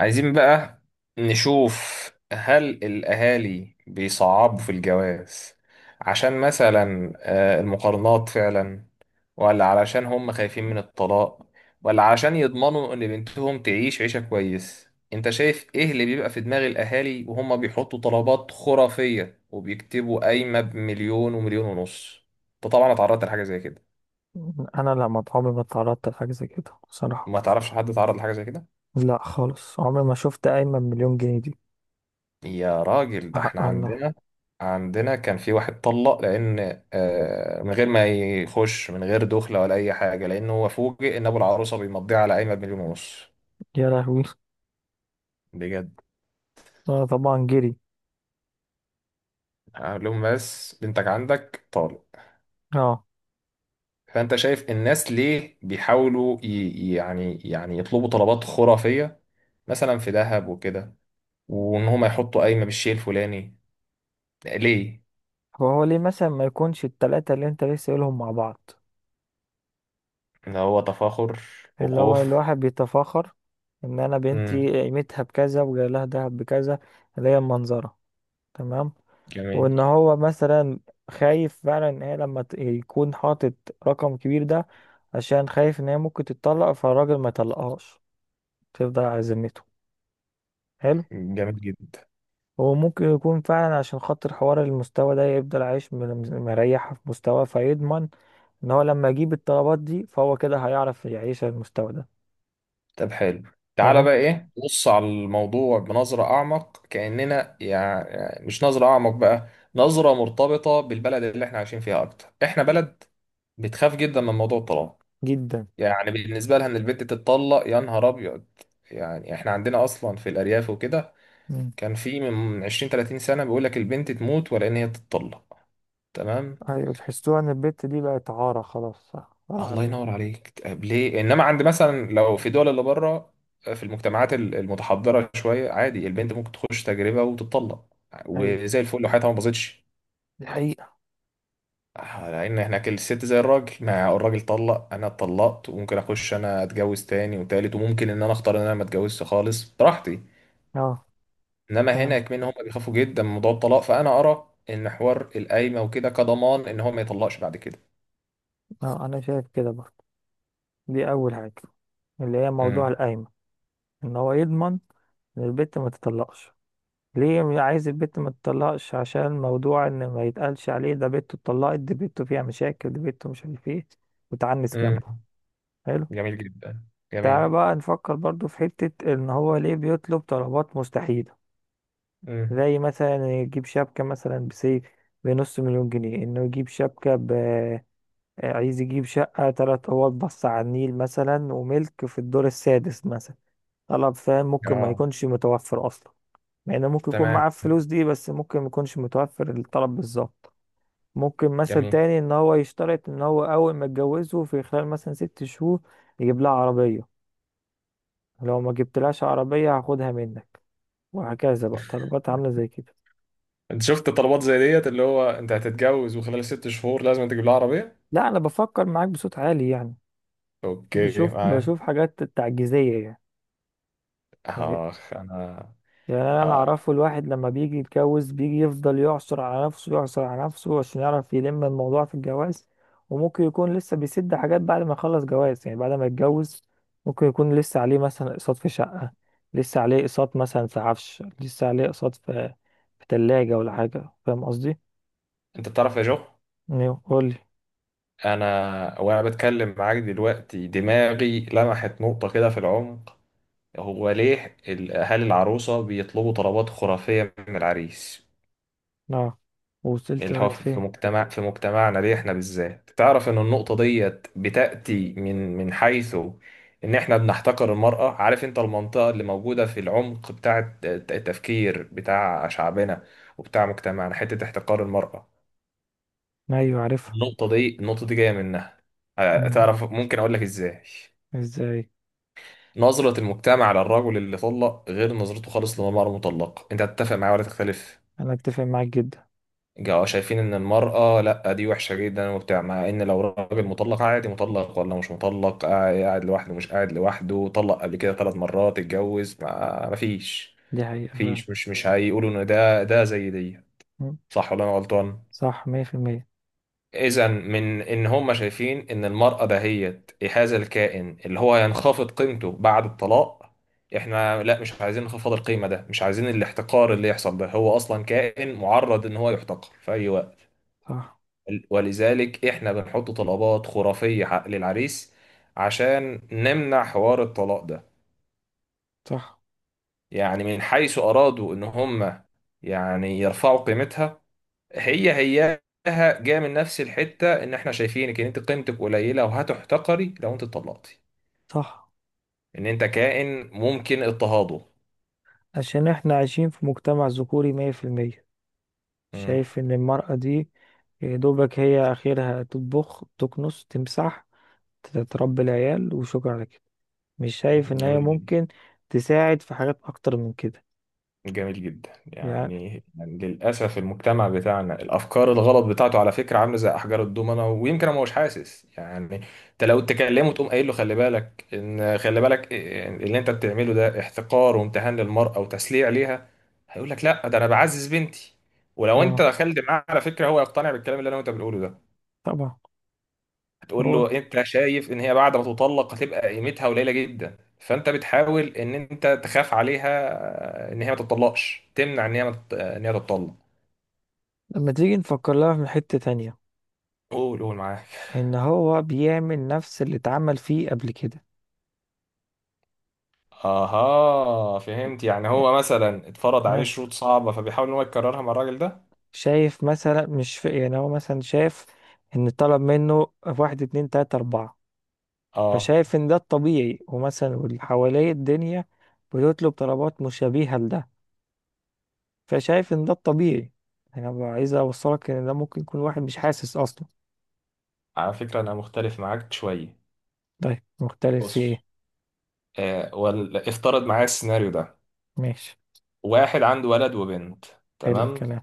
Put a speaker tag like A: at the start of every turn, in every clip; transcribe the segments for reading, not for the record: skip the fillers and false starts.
A: عايزين بقى نشوف، هل الأهالي بيصعبوا في الجواز عشان مثلا المقارنات فعلا، ولا علشان هم خايفين من الطلاق، ولا علشان يضمنوا إن بنتهم تعيش عيشة كويس؟ أنت شايف إيه اللي بيبقى في دماغ الأهالي وهم بيحطوا طلبات خرافية وبيكتبوا قايمة بمليون ومليون ونص؟ أنت طبعا اتعرضت لحاجة زي كده؟
B: انا لا، ما عمري ما اتعرضت لحاجه زي كده بصراحه.
A: ما تعرفش حد اتعرض لحاجة زي كده؟
B: لا خالص، عمري ما شفت قايمه بمليون جنيه دي.
A: يا راجل، ده احنا
B: حق الله.
A: عندنا كان في واحد طلق لان من غير ما يخش، من غير دخله ولا اي حاجه، لانه هو فوجئ ان ابو العروسه بيمضيها على قايمه بمليون ونص.
B: يا لهوي.
A: بجد.
B: اه طبعا جري.
A: قال لهم بس بنتك عندك طالق.
B: اه.
A: فانت شايف الناس ليه بيحاولوا يعني يطلبوا طلبات خرافيه، مثلا في ذهب وكده، وان هم يحطوا قايمه بالشيء الفلاني؟ ليه؟
B: فهو ليه مثلا ما يكونش التلاتة اللي انت لسه قايلهم مع بعض؟
A: اللي هو تفاخر
B: اللي هو
A: وخوف.
B: الواحد بيتفاخر ان انا
A: امم.
B: بنتي قيمتها بكذا وجاي لها دهب بكذا، اللي هي المنظره. تمام.
A: جميل.
B: وان هو مثلا خايف فعلا ان هي لما يكون حاطط رقم كبير ده، عشان خايف ان هي ممكن تتطلق فالراجل ما يطلقهاش، تفضل على ذمته. حلو.
A: جميل جدا.
B: هو ممكن يكون فعلا عشان خاطر حوار المستوى ده، يفضل عايش مريح في مستوى، فيضمن ان هو لما يجيب الطلبات دي فهو كده هيعرف يعيش على المستوى ده.
A: طب حلو، تعالى
B: فاهم.
A: بقى ايه، بص على الموضوع بنظرة اعمق، كأننا يعني مش نظرة اعمق بقى، نظرة مرتبطة بالبلد اللي احنا عايشين فيها. اكتر احنا بلد بتخاف جدا من موضوع الطلاق،
B: جدا.
A: يعني بالنسبة لها ان البنت تتطلق يا نهار ابيض. يعني احنا عندنا اصلا في الارياف وكده،
B: مم.
A: كان في من 20 30 سنة بيقول لك البنت تموت ولا ان هي تتطلق. تمام.
B: ايوه، تحسوها ان البت دي بقت عارة خلاص، صح، عارة
A: الله
B: عليهم.
A: ينور عليك. طب ليه؟ انما عند مثلا لو في دول اللي بره، في المجتمعات المتحضره شويه، عادي البنت ممكن تخش تجربه وتطلق
B: ايوه
A: وزي الفل لو حياتها ما باظتش.
B: دي حقيقة.
A: لان هناك الست زي الراجل. ما الراجل طلق، انا اتطلقت، وممكن اخش انا اتجوز تاني وتالت، وممكن ان انا اختار ان انا ما اتجوزش خالص براحتي.
B: اه.
A: انما
B: فاهم.
A: هنا كمان هم بيخافوا جدا من موضوع الطلاق. فانا ارى ان حوار القايمه وكده كضمان ان هو ما يطلقش بعد كده.
B: اه انا شايف كده برضه. دي اول حاجة، اللي هي موضوع
A: امم.
B: القايمة، ان هو يضمن ان البت ما تطلقش. ليه عايز البت ما تطلقش؟ عشان موضوع ان ما يتقالش عليه ده بنته اتطلقت، دي بنته فيها مشاكل، دي بنته مش عارف ايه، وتعنس
A: امم.
B: جنبه. حلو.
A: جميل جدا.
B: تعالى
A: جميل.
B: بقى نفكر برضو في حتة ان هو ليه بيطلب طلبات مستحيلة.
A: امم.
B: زي مثلا يجيب شبكة مثلا بسيف، بنص مليون جنيه، انه يجيب شبكة ب، عايز يجيب شقة تلات اوض بص على النيل مثلا، وملك في الدور السادس مثلا. طلب، فاهم، ممكن ما
A: اه.
B: يكونش متوفر اصلا. مع انه ممكن يكون
A: تمام.
B: معاه الفلوس دي، بس ممكن ما يكونش متوفر الطلب بالظبط. ممكن مثل
A: جميل.
B: تاني ان هو يشترط ان هو اول ما يتجوزه في خلال مثلا ست شهور يجيب لها عربية. لو ما جبتلهاش عربية هاخدها منك. وهكذا بقى طلبات عاملة زي كده.
A: انت شفت طلبات زي ديت؟ اللي هو انت هتتجوز وخلال ست شهور لازم تجيب لها عربية.
B: لا انا بفكر معاك بصوت عالي يعني.
A: اوكي،
B: بشوف،
A: معاك.
B: بشوف حاجات تعجيزية يعني. يعني
A: اخ انا.
B: انا
A: آه.
B: اعرفه الواحد لما بيجي يتجوز بيجي يفضل يعصر على نفسه، يعصر على نفسه، عشان يعرف يلم الموضوع في الجواز. وممكن يكون لسه بيسد حاجات بعد ما يخلص جواز، يعني بعد ما يتجوز. ممكن يكون لسه عليه مثلا اقساط في شقة، لسه عليه اقساط مثلا في عفش، لسه عليه اقساط في في تلاجة ولا حاجة، فاهم قصدي؟
A: انت بتعرف يا جو؟
B: ايوه قول لي.
A: انا وانا بتكلم معاك دلوقتي دماغي لمحت نقطة كده في العمق. هو ليه اهالي العروسة بيطلبوا طلبات خرافية من العريس؟
B: اه، وصلت
A: اللي هو
B: لغاية فين؟
A: في مجتمع، في مجتمعنا ليه احنا بالذات؟ تعرف ان النقطة ديت بتأتي من حيث ان احنا بنحتقر المرأة. عارف انت المنطقة اللي موجودة في العمق بتاع التفكير بتاع شعبنا وبتاع مجتمعنا، حتة احتقار المرأة؟
B: ايوه عارفها.
A: النقطة دي جاية منها.
B: مم.
A: تعرف ممكن اقول لك ازاي.
B: ازاي؟
A: نظرة المجتمع للرجل اللي طلق غير نظرته خالص للمرأة المطلقة. انت هتتفق معايا ولا تختلف؟
B: انا اتفق معاك جدا.
A: جاوا شايفين ان المرأة لا دي وحشة جدا وبتاع، مع ان لو راجل مطلق عادي، مطلق ولا مش مطلق، قاعد لوحده، مش قاعد لوحده طلق قبل كده ثلاث مرات اتجوز، ما مفيش
B: دي حقيقة فعلا.
A: مفيش مش هيقولوا ان ده زي دي.
B: مم.
A: صح ولا انا غلطان؟
B: صح، مية في المية.
A: اذا من ان هم شايفين ان المرأة دهيت هذا الكائن اللي هو هينخفض قيمته بعد الطلاق، احنا لا مش عايزين انخفاض القيمة ده، مش عايزين الاحتقار اللي يحصل ده، هو اصلا كائن معرض ان هو يحتقر في اي وقت.
B: صح.
A: ولذلك احنا بنحط طلبات خرافية للعريس عشان نمنع حوار الطلاق ده.
B: صح.
A: يعني من حيث ارادوا ان هم يعني يرفعوا قيمتها، هي هياها جاية من نفس الحتة ان احنا شايفينك ان انت قيمتك قليلة وهتحتقري لو انت اتطلقتي،
B: صح.
A: ان انت كائن ممكن اضطهاده.
B: عشان احنا عايشين في مجتمع ذكوري مية في المية،
A: مم.
B: شايف ان المرأة دي يا دوبك هي اخرها تطبخ، تكنس، تمسح، تربي العيال، وشكرا على كده. مش شايف ان هي
A: جميل جدا.
B: ممكن تساعد في حاجات اكتر من كده.
A: جميل جدا.
B: يعني.
A: يعني يعني للأسف المجتمع بتاعنا الأفكار الغلط بتاعته، على فكرة عاملة زي أحجار الضومنة، ويمكن هو مش حاسس يعني. أنت لو تكلمه تقوم قايل له خلي بالك إن، خلي بالك إن اللي أنت بتعمله ده احتقار وامتهان للمرأة وتسليع ليها، هيقول لك لا ده أنا بعزز بنتي. ولو أنت
B: اه
A: دخلت معاه على فكرة هو يقتنع بالكلام اللي أنا وأنت بنقوله ده.
B: طبعا.
A: تقول
B: هو
A: له انت شايف ان هي بعد ما تطلق هتبقى قيمتها قليله جدا، فانت بتحاول ان انت تخاف عليها، ان هي ما تطلقش، تمنع ان هي ما تط- ان هي تطلق.
B: لما تيجي نفكر لها من حتة تانية،
A: قول، قول معاك.
B: ان هو بيعمل نفس اللي اتعمل فيه قبل كده.
A: اها، فهمت. يعني هو مثلا اتفرض عليه
B: مثلا
A: شروط صعبه، فبيحاول ان هو يكررها مع الراجل ده.
B: شايف مثلا، مش في يعني، هو مثلا شايف ان طلب منه واحد اتنين تلاتة اربعة،
A: اه،
B: فشايف ان ده الطبيعي، ومثلا واللي حواليه الدنيا بتطلب طلبات مشابهة لده، فشايف ان ده الطبيعي. انا بقى عايز اوصلك ان ده ممكن يكون واحد مش حاسس اصلا.
A: على فكره انا مختلف معاك شويه.
B: طيب مختلف في ايه؟
A: بص، ولا افترض معايا السيناريو ده.
B: ماشي.
A: واحد عنده ولد وبنت،
B: حلو
A: تمام؟
B: الكلام.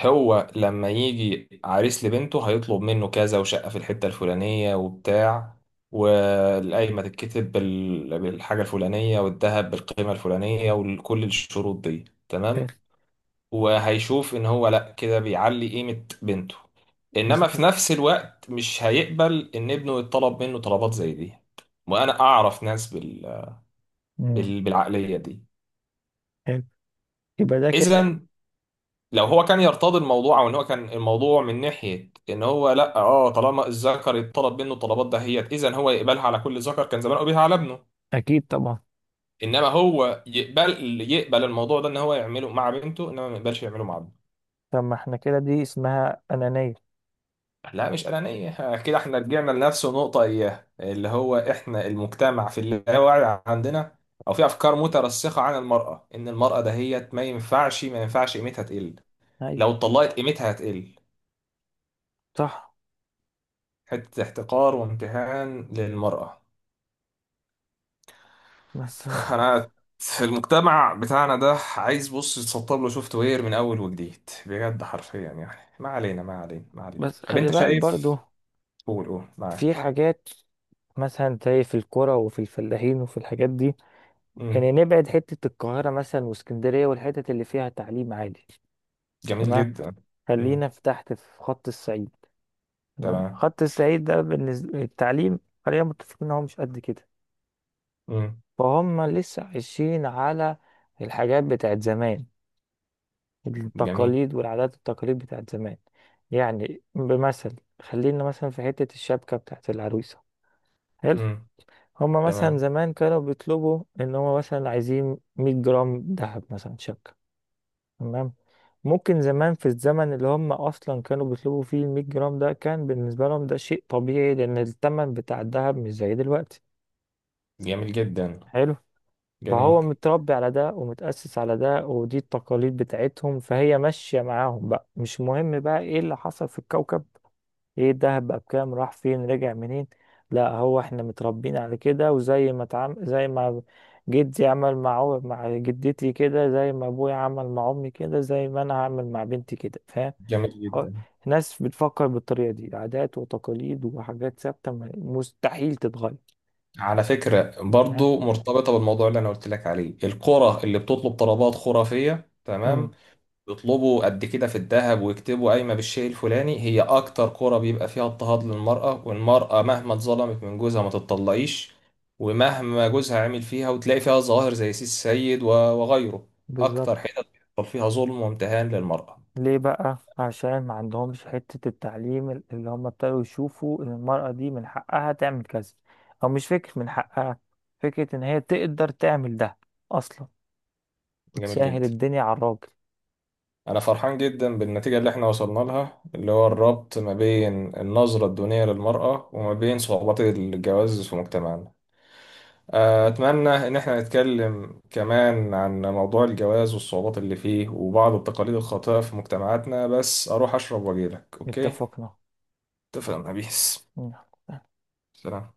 A: هو لما يجي عريس لبنته هيطلب منه كذا، وشقة في الحتة الفلانية وبتاع، والقايمة تتكتب بالحاجة الفلانية، والذهب بالقيمة الفلانية، وكل الشروط دي
B: حلو.
A: تمام، وهيشوف ان هو لا كده بيعلي قيمة بنته. انما في
B: مظبوط.
A: نفس الوقت مش هيقبل ان ابنه يطلب منه طلبات زي دي. وانا اعرف ناس
B: امم.
A: بالعقلية دي.
B: حلو. يبقى ده كده.
A: اذا لو هو كان يرتضي الموضوع، او ان هو كان الموضوع من ناحيه ان هو لا، اه، طالما الذكر يطلب منه الطلبات دهيت، اذا هو يقبلها على كل ذكر، كان زمان بيها على ابنه.
B: اكيد طبعا.
A: انما هو يقبل الموضوع ده ان هو يعمله مع بنته انما ما يقبلش يعمله مع ابنه.
B: طب ما احنا كده دي اسمها انانية.
A: لا، مش انانيه كده. احنا رجعنا لنفس النقطه اياها، اللي هو احنا المجتمع في اللاوعي عندنا، او في افكار مترسخه عن المراه، ان المراه دهيت ما ينفعش قيمتها تقل. لو
B: ايوه.
A: اتطلقت قيمتها هتقل.
B: صح.
A: حته احتقار وامتهان للمراه.
B: بس.
A: انا في المجتمع بتاعنا ده عايز بص يتسطب له سوفت وير من اول وجديد، بجد، حرفيا يعني. ما علينا ما علينا ما علينا.
B: بس
A: طب
B: خلي
A: انت
B: بالك
A: شايف؟
B: برضو
A: قول، قول
B: في
A: معاك.
B: حاجات، مثلا زي في الكرة وفي الفلاحين وفي الحاجات دي. يعني
A: امم.
B: نبعد حتة القاهرة مثلا واسكندرية والحتت اللي فيها تعليم عالي.
A: جميل
B: تمام.
A: جدا.
B: خلينا
A: امم.
B: في تحت في خط الصعيد. تمام،
A: تمام.
B: خط الصعيد ده بالنسبة للتعليم، خلينا متفقين ان هو مش قد كده.
A: امم.
B: فهم لسه عايشين على الحاجات بتاعت زمان،
A: جميل.
B: التقاليد والعادات والتقاليد بتاعت زمان. يعني بمثل، خلينا مثلا في حتة الشبكة بتاعت العروسة. حلو.
A: امم.
B: هما مثلا
A: تمام.
B: زمان كانوا بيطلبوا ان هما مثلا عايزين 100 جرام دهب مثلا شبكة. تمام. ممكن زمان في الزمن اللي هم اصلا كانوا بيطلبوا فيه ال 100 جرام ده كان بالنسبه لهم ده شيء طبيعي، لان الثمن بتاع الذهب مش زي دلوقتي.
A: جميل جدا.
B: حلو.
A: جميل.
B: فهو متربي على ده ومتأسس على ده، ودي التقاليد بتاعتهم، فهي ماشيه معاهم، بقى مش مهم بقى ايه اللي حصل في الكوكب، ايه دهب بقى بكام، راح فين، رجع منين. لا هو احنا متربيين على كده، وزي ما زي ما جدي عمل مع مع جدتي كده، زي ما ابويا عمل مع امي كده، زي ما انا هعمل مع بنتي كده، فاهم.
A: جميل
B: هو-
A: جدا.
B: ناس بتفكر بالطريقة دي، عادات وتقاليد وحاجات ثابتة مستحيل تتغير.
A: على فكرة
B: ها.
A: برضو مرتبطة بالموضوع اللي انا قلت لك عليه، القرى اللي بتطلب طلبات خرافية، تمام؟
B: امم.
A: يطلبوا قد كده في الذهب ويكتبوا قايمة بالشيء الفلاني، هي أكتر كرة بيبقى فيها اضطهاد للمرأة، والمرأة مهما اتظلمت من جوزها ما تتطلقيش، ومهما جوزها عمل فيها، وتلاقي فيها ظواهر زي سيس سيد وغيره، أكتر
B: بالظبط.
A: حتت بيحصل فيها ظلم وامتهان للمرأة.
B: ليه بقى؟ عشان ما عندهمش حتة التعليم اللي هم ابتدوا يشوفوا ان المرأة دي من حقها تعمل كذا. او مش فكرة من حقها، فكرة ان هي تقدر تعمل ده اصلا،
A: جميل
B: وتسهل
A: جدا.
B: الدنيا على الراجل.
A: أنا فرحان جدا بالنتيجة اللي احنا وصلنا لها، اللي هو الربط ما بين النظرة الدونية للمرأة وما بين صعوبات الجواز في مجتمعنا. أتمنى إن إحنا نتكلم كمان عن موضوع الجواز والصعوبات اللي فيه وبعض التقاليد الخاطئة في مجتمعاتنا، بس أروح أشرب وأجيلك، أوكي؟
B: اتفقنا.
A: اتفقنا. بيس.
B: مم.
A: سلام.